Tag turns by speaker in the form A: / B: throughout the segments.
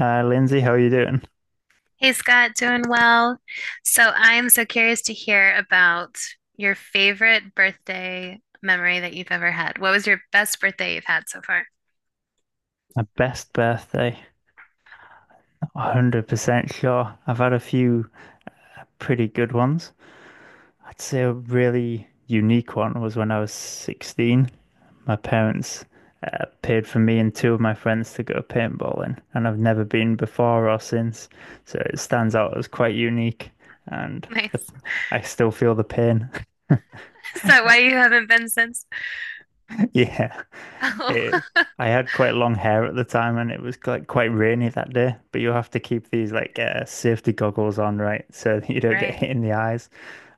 A: Lindsay, how are you doing?
B: Hey Scott, doing well. So I'm so curious to hear about your favorite birthday memory that you've ever had. What was your best birthday you've had so far?
A: My best birthday, not 100% sure. I've had a few pretty good ones. I'd say a really unique one was when I was 16. My parents paid for me and two of my friends to go paintballing, and I've never been before or since. So it stands out as quite unique, and the,
B: Nice.
A: I still feel the pain.
B: Is that why you haven't been since?
A: Yeah. It,
B: Oh,
A: I had quite long hair at the time and it was like quite rainy that day, but you have to keep these like safety goggles on, right? So that you don't get
B: right.
A: hit in the eyes.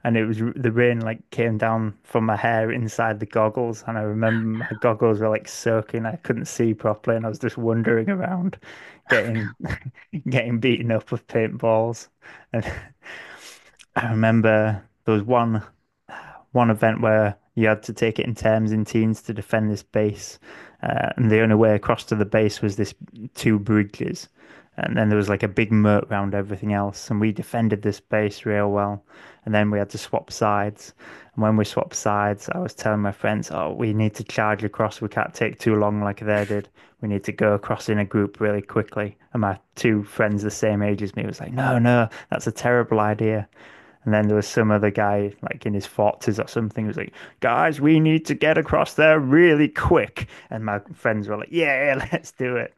A: And it was the rain like came down from my hair inside the goggles. And I remember my goggles were like soaking. I couldn't see properly and I was just wandering around getting getting beaten up with paintballs. And I remember there was one event where you had to take it in terms in teens to defend this base, and the only way across to the base was this two bridges, and then there was like a big moat round everything else, and we defended this base real well, and then we had to swap sides, and when we swapped sides, I was telling my friends, "Oh, we need to charge across. We can't take too long like they did. We need to go across in a group really quickly." And my two friends the same age as me was like, "No, no, that's a terrible idea." And then there was some other guy, like in his forties or something, who was like, "Guys, we need to get across there really quick." And my friends were like, "Yeah, let's do it."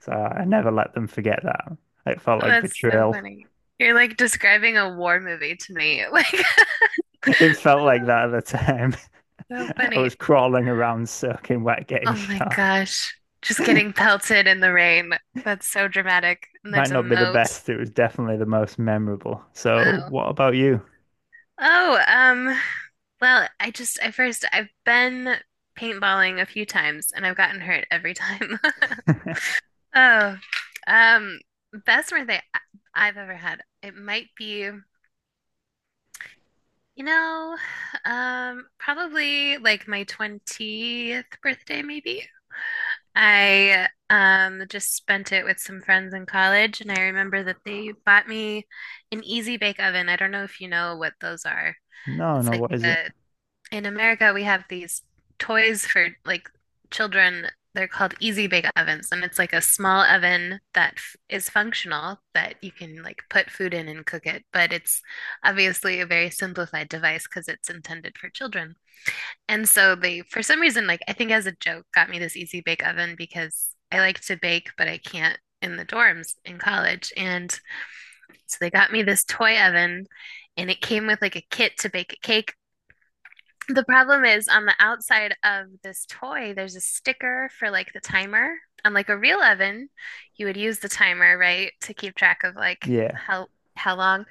A: So I never let them forget that. It felt
B: Oh,
A: like
B: that's so
A: betrayal.
B: funny. You're like describing a war movie to me. Like,
A: It felt like
B: oh,
A: that at the time.
B: so
A: I
B: funny.
A: was crawling around, soaking wet,
B: Oh
A: getting
B: my
A: shot.
B: gosh. Just getting pelted in the rain. That's so dramatic. And there's
A: Might
B: a
A: not be the
B: moat.
A: best. It was definitely the most memorable. So,
B: Wow.
A: what about you?
B: Oh, um, Well, I first, I've been paintballing a few times and I've gotten hurt every time. Oh, um, best birthday I've ever had. It might be, you know, probably like my 20th birthday, maybe. I just spent it with some friends in college, and I remember that they bought me an Easy Bake Oven. I don't know if you know what those are.
A: No,
B: It's
A: no,
B: like
A: what is it?
B: a In America, we have these toys for like children. They're called Easy Bake Ovens, and it's like a small oven that f is functional that you can like put food in and cook it. But it's obviously a very simplified device because it's intended for children. And so they, for some reason, like I think as a joke, got me this Easy Bake Oven because I like to bake, but I can't in the dorms in college. And so they got me this toy oven, and it came with like a kit to bake a cake. The problem is on the outside of this toy, there's a sticker for like the timer. On like a real oven, you would use the timer, right, to keep track of like
A: Yeah.
B: how long.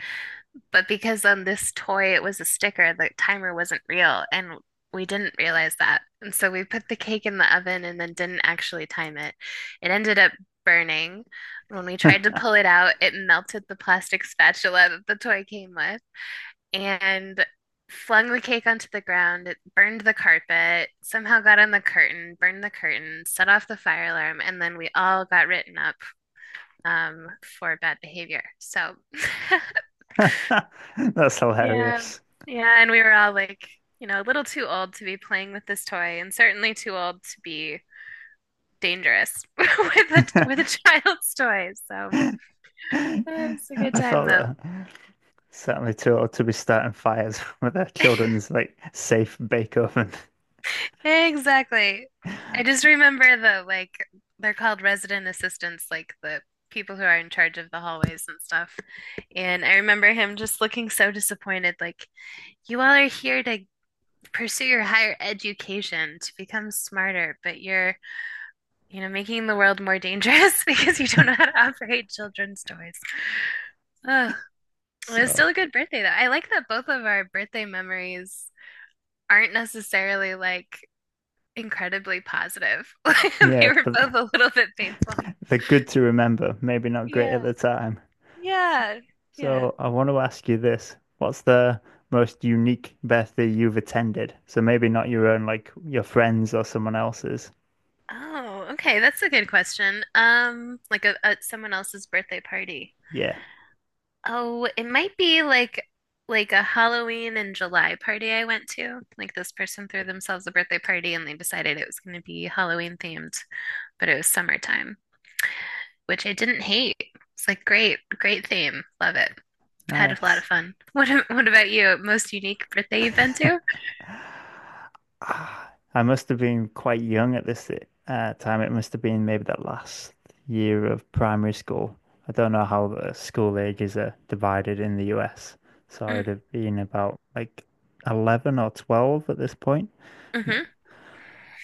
B: But because on this toy it was a sticker, the timer wasn't real, and we didn't realize that. And so we put the cake in the oven and then didn't actually time it. It ended up burning. When we tried to pull it out, it melted the plastic spatula that the toy came with and flung the cake onto the ground. It burned the carpet, somehow got on the curtain, burned the curtain, set off the fire alarm, and then we all got written up um, for bad behavior. So,
A: That's
B: yeah,
A: hilarious.
B: yeah, and we were all like, you know, a little too old to be playing with this toy, and certainly too old to be dangerous with a child's toy. So, it was a good
A: I
B: time
A: thought
B: though.
A: that Certainly too old to be starting fires with their children's like safe bake oven.
B: Exactly. I just remember the like they're called resident assistants, like the people who are in charge of the hallways and stuff. And I remember him just looking so disappointed, like, you all are here to pursue your higher education, to become smarter, but you're, you know, making the world more dangerous because you don't know how to operate children's toys. Oh, it was
A: So
B: still a good birthday though. I like that both of our birthday memories aren't necessarily like incredibly positive. They
A: yeah,
B: were
A: but
B: both a little bit painful.
A: they're good to remember, maybe not great at the
B: Yeah.
A: time.
B: Yeah. Yeah.
A: So I want to ask you this. What's the most unique birthday you've attended? So maybe not your own, like your friends or someone else's.
B: Oh, okay. That's a good question. Like a someone else's birthday party.
A: Yeah,
B: Oh, it might be like a Halloween in July party I went to. Like this person threw themselves a birthday party and they decided it was going to be Halloween themed, but it was summertime, which I didn't hate. It's like great, great theme. Love it. Had a lot
A: nice.
B: of fun. What about you? Most unique birthday you've been to?
A: Ah, I must have been quite young at this time. It must have been maybe the last year of primary school. I don't know how the school ages are divided in the US. So
B: Mm,
A: I'd have been about like 11 or 12 at this point.
B: hmm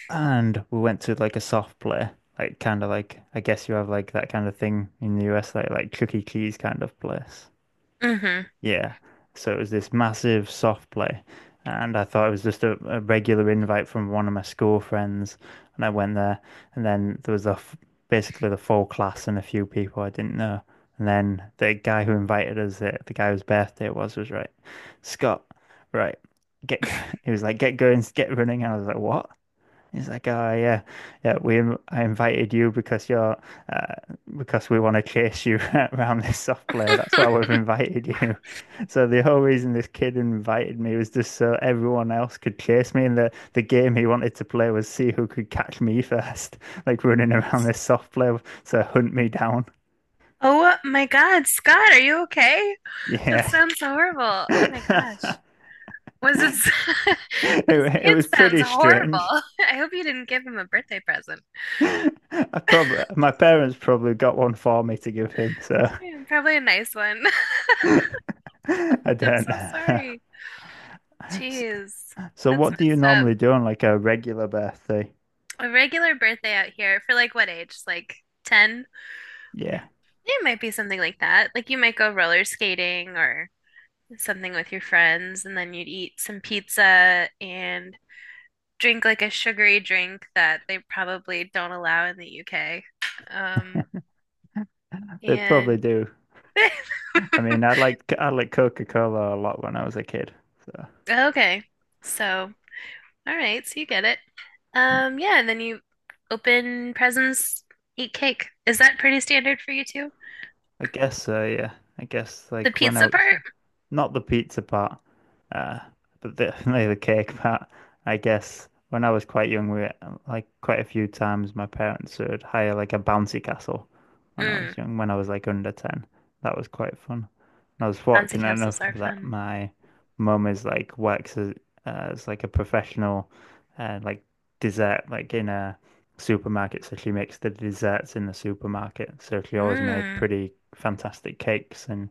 A: And we went to like a soft play, like kind of like, I guess you have like that kind of thing in the US, like Chuck E. Cheese kind of place.
B: hmm.
A: Yeah. So it was this massive soft play. And I thought it was just a regular invite from one of my school friends. And I went there. And then there was basically the full class and a few people I didn't know. And then the guy who invited us, the guy whose birthday it was right, Scott, right, get, go-" he was like, get going, get running. And I was like, what? He's like, oh yeah, yeah. We I invited you because you're uh, because we want to chase you around this soft play. That's why we've invited you. So the whole reason this kid invited me was just so everyone else could chase me, and the game he wanted to play was see who could catch me first, like running around this soft play so hunt me down.
B: Oh my God, Scott, are you okay? That
A: Yeah,
B: sounds horrible. Oh my
A: it
B: gosh. Was it s- this
A: it
B: kid
A: was
B: sounds
A: pretty
B: horrible.
A: strange.
B: I hope you didn't give him a birthday present.
A: I probably my parents probably got one for me to give him, so.
B: Yeah, probably a nice one.
A: I
B: I'm
A: don't
B: so
A: know.
B: sorry.
A: S-
B: Jeez,
A: So
B: that's
A: what do you
B: messed up.
A: normally do on like a regular birthday?
B: A regular birthday out here for like what age? Like 10?
A: Yeah,
B: It might be something like that. Like you might go roller skating or something with your friends, and then you'd eat some pizza and drink like a sugary drink that they probably don't allow in the UK. Um,
A: they probably
B: and
A: do. I mean, I like Coca-Cola a lot when I was a kid. So
B: Okay, so so you get it. Yeah, and then you open presents, eat cake. Is that pretty standard for you too?
A: I guess so, yeah. I guess
B: The
A: like when I
B: pizza
A: was
B: part?
A: not the pizza part, uh, but definitely the cake part. I guess when I was quite young, we like quite a few times my parents would hire like a bouncy castle when I
B: Mm,
A: was young, when I was like under 10. That was quite fun. And I was
B: bouncy
A: fortunate enough
B: castles are
A: that
B: fun.
A: my mum is like works as like a professional uh, like dessert like in a supermarket. So she makes the desserts in the supermarket. So she always made
B: Mm,
A: pretty fantastic cakes and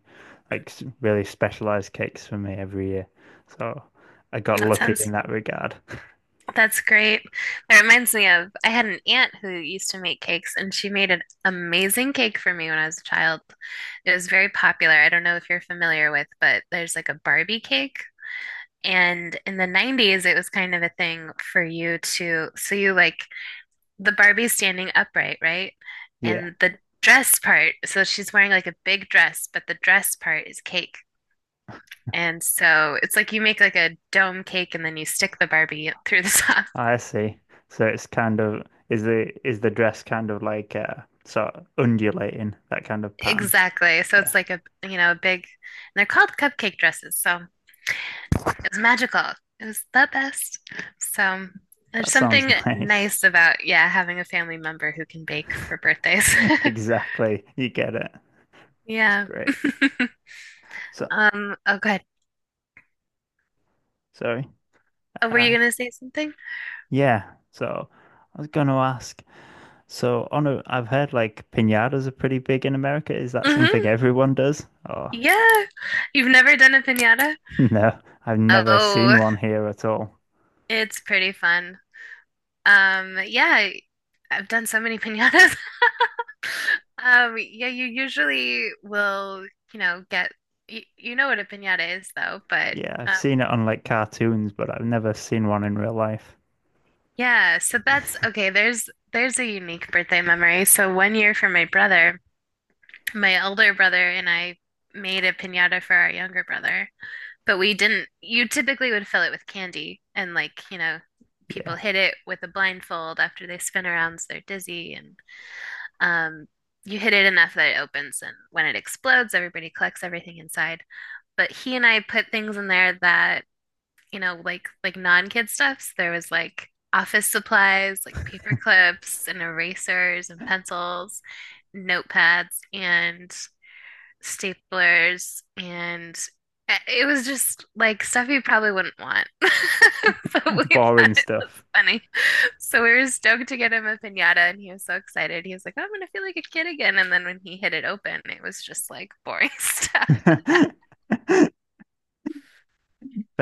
A: like really specialized cakes for me every year. So I got
B: that
A: lucky in
B: sounds
A: that regard.
B: That's great. That reminds me of I had an aunt who used to make cakes, and she made an amazing cake for me when I was a child. It was very popular. I don't know if you're familiar with, but there's like a Barbie cake. And in the 90s, it was kind of a thing for you to, so you like the Barbie standing upright, right?
A: Yeah,
B: And the dress part, so she's wearing like a big dress, but the dress part is cake. And so it's like you make like a dome cake and then you stick the Barbie through the top.
A: I see. So it's kind of is the dress kind of like sort of undulating that kind of pattern?
B: Exactly. So it's
A: Yeah,
B: like a, you know, a big, and they're called cupcake dresses. So it was magical. It was the best. So there's
A: that sounds
B: something
A: nice.
B: nice about, yeah, having a family member who can bake for birthdays.
A: Exactly. You get it. That's
B: Yeah.
A: great. So
B: Oh, go ahead.
A: sorry.
B: Oh, were you
A: Uh
B: gonna say something?
A: yeah. So I was going to ask. So on a, I've heard like piñatas are pretty big in America. Is that something
B: Hmm.
A: everyone does? Or
B: Yeah. You've never done a piñata?
A: no, I've never seen
B: Oh,
A: one here at all.
B: it's pretty fun. Yeah, I've done so many piñatas. Yeah, you usually will, you know, get you, you know what a piñata is though, but
A: Yeah, I've
B: uh,
A: seen it on like cartoons, but I've never seen one in real life.
B: yeah, so that's okay. There's a unique birthday memory. So one year for my brother, my elder brother and I made a piñata for our younger brother, but we didn't. You typically would fill it with candy and like, you know, people
A: Yeah,
B: hit it with a blindfold after they spin around so they're dizzy and um you hit it enough that it opens and when it explodes, everybody collects everything inside. But he and I put things in there that, you know, like non-kid stuffs. There was like office supplies, like paper clips and erasers and pencils, notepads and staplers and it was just like stuff you probably wouldn't want. But we thought
A: boring
B: it was
A: stuff.
B: funny. So we were stoked to get him a piñata and he was so excited. He was like, "Oh, I'm gonna feel like a kid again." And then when he hit it open, it was just like boring stuff.
A: Better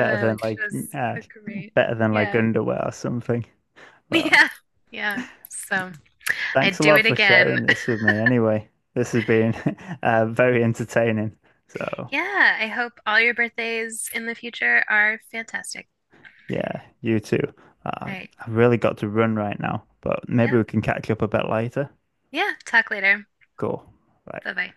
B: Oh, which
A: like
B: was
A: uh,
B: a great, yeah,
A: underwear or something. Well,
B: yeah, yeah. So
A: thanks
B: I'd
A: a
B: do
A: lot
B: it
A: for
B: again.
A: sharing this with me anyway. This has been very entertaining. So,
B: Yeah, I hope all your birthdays in the future are fantastic.
A: yeah, you too. Uh,
B: All right.
A: I've really got to run right now, but maybe
B: Yeah.
A: we can catch up a bit later.
B: Yeah. Talk later.
A: Cool. Right.
B: Bye bye.